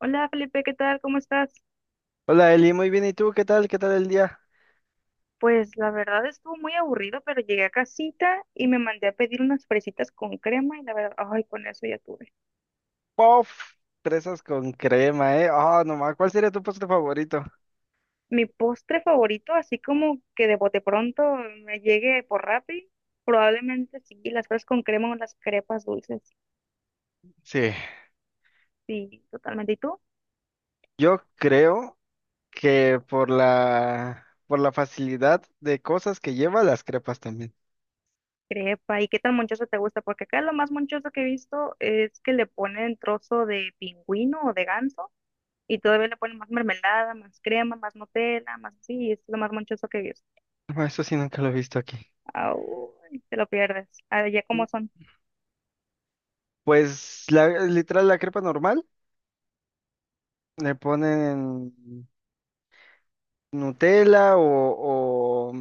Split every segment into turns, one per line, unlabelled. Hola Felipe, ¿qué tal? ¿Cómo estás?
Hola Eli, muy bien. ¿Y tú qué tal? ¿Qué tal el día?
Pues la verdad estuvo muy aburrido, pero llegué a casita y me mandé a pedir unas fresitas con crema y la verdad, ay, con eso ya tuve.
¡Pof! Fresas con crema, ¿eh? Ah, no nomás. ¿Cuál sería tu postre favorito?
Mi postre favorito, así como que de bote pronto me llegue por Rappi, probablemente sí, las fresas con crema o las crepas dulces,
Sí.
sí, totalmente. ¿Y tú?
Yo creo que por la facilidad de cosas que lleva las crepas también.
Crepa, ¿y qué tan monchoso te gusta? Porque acá lo más monchoso que he visto es que le ponen trozo de pingüino o de ganso. Y todavía le ponen más mermelada, más crema, más Nutella, más así, y es lo más monchoso que he visto.
Ah, eso sí, nunca lo he visto aquí.
Ay, te lo pierdes. Allá
Mm.
como son.
Pues la, literal, la crepa normal le ponen Nutella o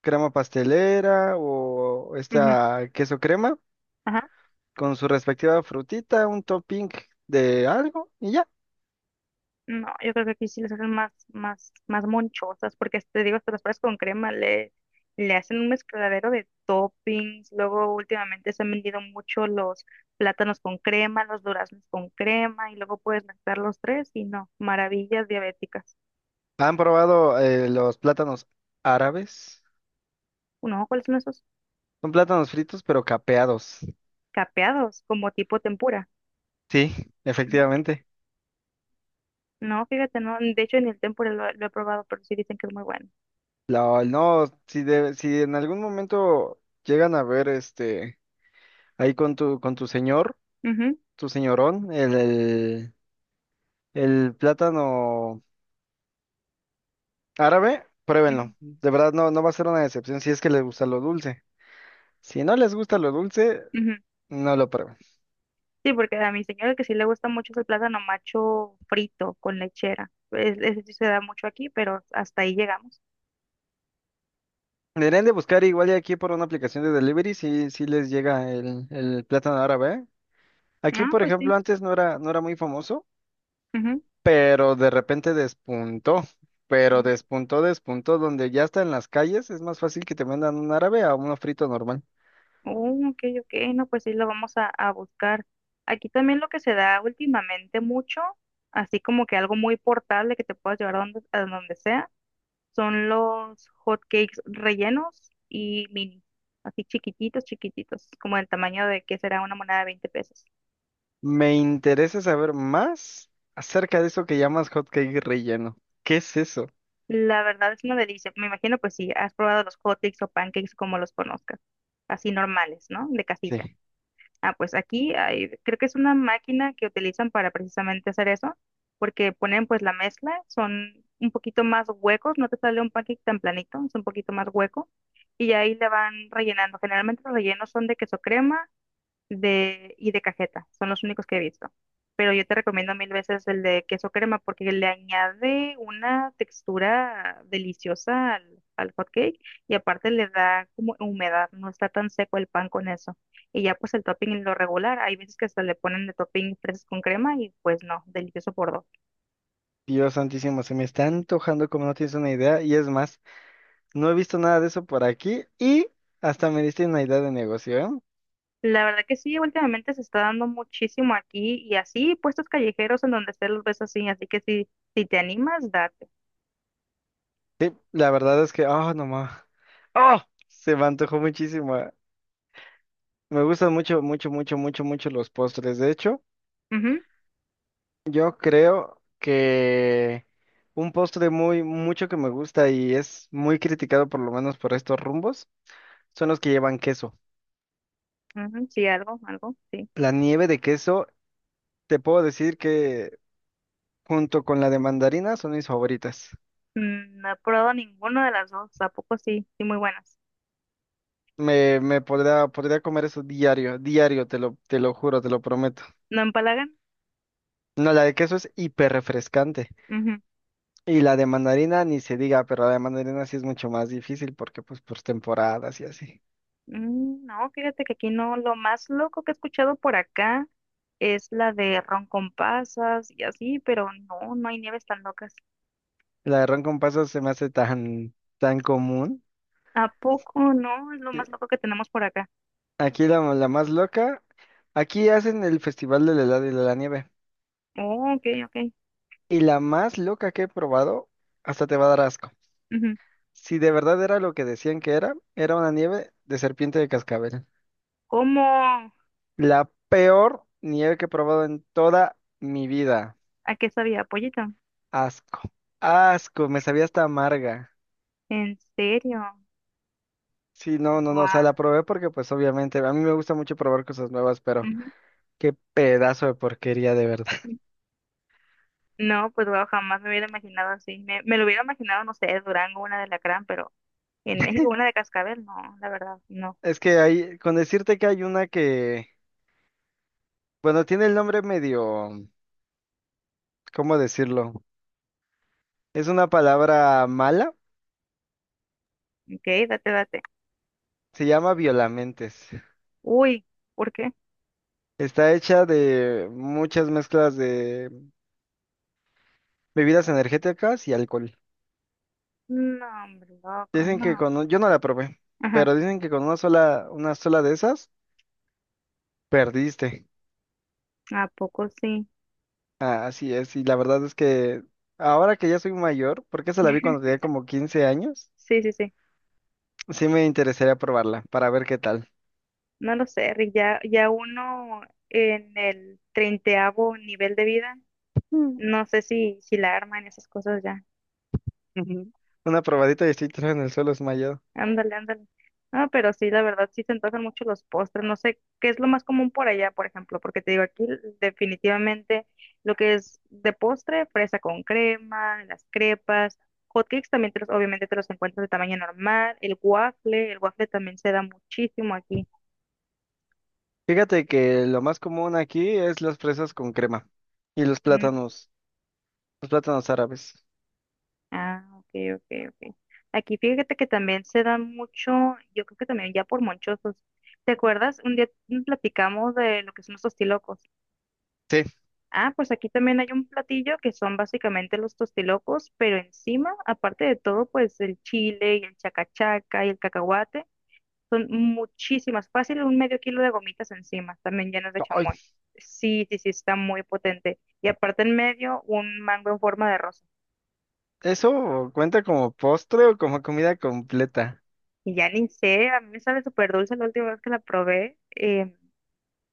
crema pastelera o
Ujú,
esta queso crema,
ajá.
con su respectiva frutita, un topping de algo y ya.
No, yo creo que aquí sí les hacen más, más, más monchosas, porque te digo, hasta las fresas con crema le, le hacen un mezcladero de toppings. Luego últimamente se han vendido mucho los plátanos con crema, los duraznos con crema, y luego puedes mezclar los tres y no, maravillas diabéticas.
¿Han probado los plátanos árabes?
No, ¿cuáles son esos?
Son plátanos fritos pero capeados.
Capeados, como tipo tempura.
Sí, efectivamente.
No, fíjate, no. De hecho, en el tempura lo he probado, pero sí dicen que es muy bueno.
No, si, si en algún momento llegan a ver este ahí con tu señor,
Ujú,
tu señorón, el plátano árabe,
ujú,
pruébenlo. De verdad no, no va a ser una decepción si es que les gusta lo dulce. Si no les gusta lo dulce,
ujú.
no lo prueben.
Sí, porque a mi señora que sí le gusta mucho es el plátano macho frito con lechera. Es- ese sí se da mucho aquí, pero hasta ahí llegamos.
Deberían de buscar igual y aquí por una aplicación de delivery si, si les llega el plátano árabe, ¿eh? Aquí,
Ah,
por
pues sí.
ejemplo, antes no era, no era muy famoso,
Ujú.
pero de repente despuntó. Pero
Mm.
donde ya está en las calles, es más fácil que te mandan un árabe a uno frito normal.
Oh, ok, ok. No, pues sí, lo vamos a buscar. Aquí también lo que se da últimamente mucho, así como que algo muy portable que te puedas llevar a donde sea, son los hotcakes rellenos y mini, así chiquititos, chiquititos, como el tamaño de que será una moneda de 20 pesos.
Me interesa saber más acerca de eso que llamas hot cake relleno. ¿Qué es eso?
La verdad es una delicia. Me imagino, pues sí, has probado los hotcakes o pancakes como los conozcas, así normales, ¿no? De casita.
Sí.
Ah, pues aquí hay, creo que es una máquina que utilizan para precisamente hacer eso, porque ponen pues la mezcla, son un poquito más huecos, no te sale un pancake tan planito, es un poquito más hueco y ahí le van rellenando. Generalmente los rellenos son de queso crema de, y de cajeta. Son los únicos que he visto. Pero yo te recomiendo mil veces el de queso crema porque le añade una textura deliciosa al, al hot cake y aparte le da como humedad, no está tan seco el pan con eso. Y ya pues el topping lo regular, hay veces que hasta le ponen de topping fresas con crema y pues no, delicioso por dos.
Dios santísimo, se me está antojando como no tienes una idea. Y es más, no he visto nada de eso por aquí y hasta me diste una idea de negocio, ¿eh?
La verdad que sí, últimamente se está dando muchísimo aquí y así puestos callejeros en donde esté los ves así, así que si te animas, date.
La verdad es que, ah, no más. ¡Oh! Se me antojó muchísimo, eh. Me gustan mucho, mucho, mucho, mucho, mucho los postres. De hecho, yo creo que un postre muy, mucho que me gusta y es muy criticado por lo menos por estos rumbos, son los que llevan queso.
Ujú, ujú, sí, algo, algo, sí.
La nieve de queso, te puedo decir que junto con la de mandarina son mis favoritas.
Mm, no he probado ninguna de las dos, ¿a poco sí? Sí, muy buenas.
Podría comer eso diario, diario, te lo juro, te lo prometo.
¿No empalagan?
No, la de queso es hiper refrescante.
Ujú.
Y la de mandarina ni se diga, pero la de mandarina sí es mucho más difícil porque pues por temporadas y así.
Mm, no, fíjate que aquí no, lo más loco que he escuchado por acá es la de ron con pasas y así, pero no, no hay nieves tan locas.
La de ron con pasas se me hace tan, tan común.
¿A poco no? Es lo más loco que tenemos por acá.
Aquí la más loca, aquí hacen el festival del helado y de la nieve.
Oh, ok, ok.
Y la más loca que he probado, hasta te va a dar asco.
Ujú.
Si de verdad era lo que decían que era, era una nieve de serpiente de cascabel.
¿Cómo?
La peor nieve que he probado en toda mi vida.
¿A qué sabía? ¿Pollito?
Asco. Asco, me sabía hasta amarga.
¿En serio?
Sí, no, no, no, o sea,
Guau.
la probé porque pues obviamente a mí me gusta mucho probar cosas nuevas, pero
Ujú.
qué pedazo de porquería de verdad.
No, pues wow, jamás me hubiera imaginado así. Me lo hubiera imaginado, no sé, Durango, una de la gran, pero en México una de cascabel, no, la verdad, no.
Es que hay, con decirte que hay una que, bueno, tiene el nombre medio, ¿cómo decirlo? Es una palabra mala,
Ok, date, date.
se llama violamentes.
Uy, ¿por qué?
Está hecha de muchas mezclas de bebidas energéticas y alcohol.
No, hombre, loco,
Dicen que
no.
yo no la probé,
Ajá,
pero dicen que con una sola de esas, perdiste.
¿a poco sí?
Ah, así es, y la verdad es que ahora que ya soy mayor, porque esa la vi cuando tenía como 15 años,
Sí, sí, sí.
sí me interesaría probarla para ver qué tal.
No lo sé, Rick, ya, ya uno en el treintaavo nivel de vida,
Mm.
no sé si la arma en esas cosas ya.
Ujú. Una probadita y estoy tirado en el suelo desmayado.
Ándale, ándale. Ah, pero sí, la verdad, sí se antojan mucho los postres. No sé qué es lo más común por allá, por ejemplo, porque te digo, aquí definitivamente lo que es de postre, fresa con crema, las crepas, hotcakes también te los, obviamente te los encuentras de tamaño normal, el waffle también se da muchísimo aquí.
Fíjate que lo más común aquí es las fresas con crema y
Mm,
los plátanos árabes.
ah, ok, ok, ok. Aquí fíjate que también se da mucho, yo creo que también ya por monchosos. ¿Te acuerdas? Un día platicamos de lo que son los tostilocos.
Sí,
Ah, pues aquí también hay un platillo que son básicamente los tostilocos, pero encima, aparte de todo, pues el chile y el chacachaca y el cacahuate, son muchísimas, fácil un medio kilo de gomitas encima, también llenas de
ay,
chamoy. Sí, sí, sí, está muy potente. Y aparte en medio, un mango en forma de rosa.
eso cuenta como postre o como comida completa.
Y ya ni sé, a mí me sabe súper dulce la última vez que la probé,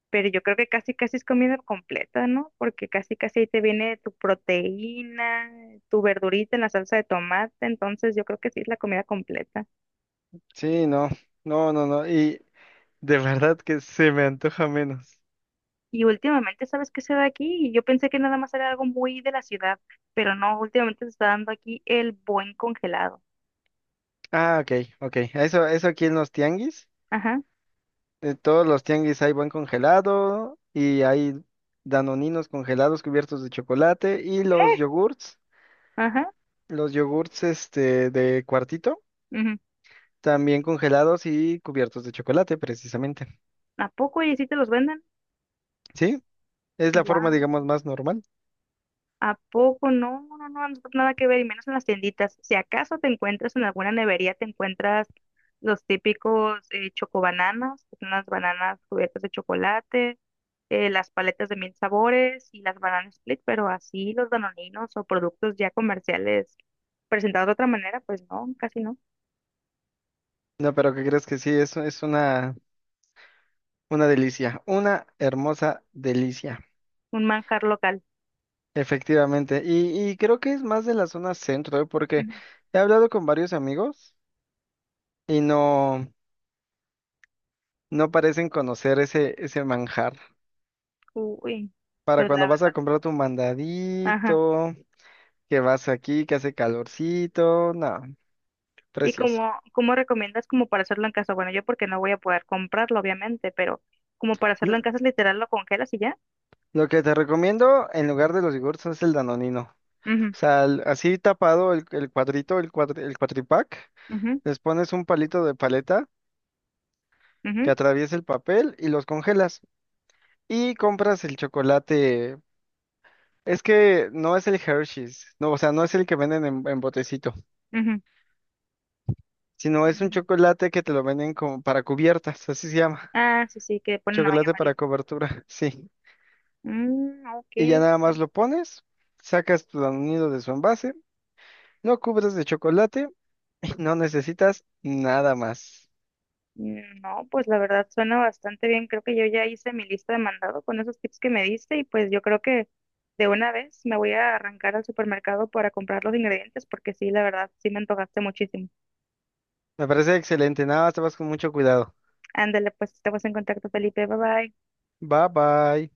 pero yo creo que casi casi es comida completa, ¿no? Porque casi casi ahí te viene tu proteína, tu verdurita en la salsa de tomate, entonces yo creo que sí es la comida completa.
Sí, no, no, no, no, y de verdad que se me antoja menos.
Y últimamente, ¿sabes qué se da aquí? Y yo pensé que nada más era algo muy de la ciudad, pero no, últimamente se está dando aquí el buen congelado.
Ah, ok, ok, eso aquí en los tianguis.
Ajá.
En todos los tianguis hay buen congelado y hay danoninos congelados cubiertos de chocolate y
¿Qué? Ajá.
los yogurts este de cuartito,
Ujú.
también congelados y cubiertos de chocolate precisamente.
¿A poco y si te los venden?
¿Sí? Es la forma, digamos,
Guau.
más normal.
¿A poco? No, no, no, no, nada que ver, y menos en las tienditas. Si acaso te encuentras en alguna nevería, te encuentras los típicos chocobananas, que son las bananas cubiertas de chocolate, las paletas de mil sabores y las bananas split, pero así los danoninos o productos ya comerciales presentados de otra manera, pues no, casi no.
No, pero ¿qué crees que sí? Es una delicia, una hermosa delicia,
Un manjar local.
efectivamente. Y creo que es más de la zona centro, ¿eh? Porque he hablado con varios amigos y no. No parecen conocer ese manjar.
Ujú. Uy,
Para
pues
cuando
la
vas a
verdad.
comprar tu
Ajá.
mandadito, que vas aquí, que hace calorcito, no,
¿Y
precioso.
cómo, cómo recomiendas como para hacerlo en casa? Bueno, yo porque no voy a poder comprarlo, obviamente, pero como para hacerlo en
L-
casa, es literal, lo congelas y ya.
Lo que te recomiendo en lugar de los yogurts es el danonino.
Ujú,
O sea, así tapado el cuadrito, el cuatripack,
ujú,
les pones un palito de paleta que
ujú,
atraviesa el papel y los congelas. Y compras el chocolate. Es que no es el Hershey's, no, o sea, no es el que venden en botecito,
ujú.
sino es un
Mm,
chocolate que te lo venden como para cubiertas, así se llama,
ah, sí, sí, que ponen la baña
chocolate para
María.
cobertura. Sí.
Mm, ok,
Y ya nada
ok.
más lo pones, sacas tu nido de su envase, lo cubres de chocolate y no necesitas nada más.
Mm, no, pues la verdad suena bastante bien. Creo que yo ya hice mi lista de mandado con esos tips que me diste y pues yo creo que de una vez me voy a arrancar al supermercado para comprar los ingredientes porque sí, la verdad, sí me antojaste muchísimo.
Me parece excelente, nada más te vas con mucho cuidado.
Ándale, pues estamos en contacto, Felipe. Bye bye.
Bye bye.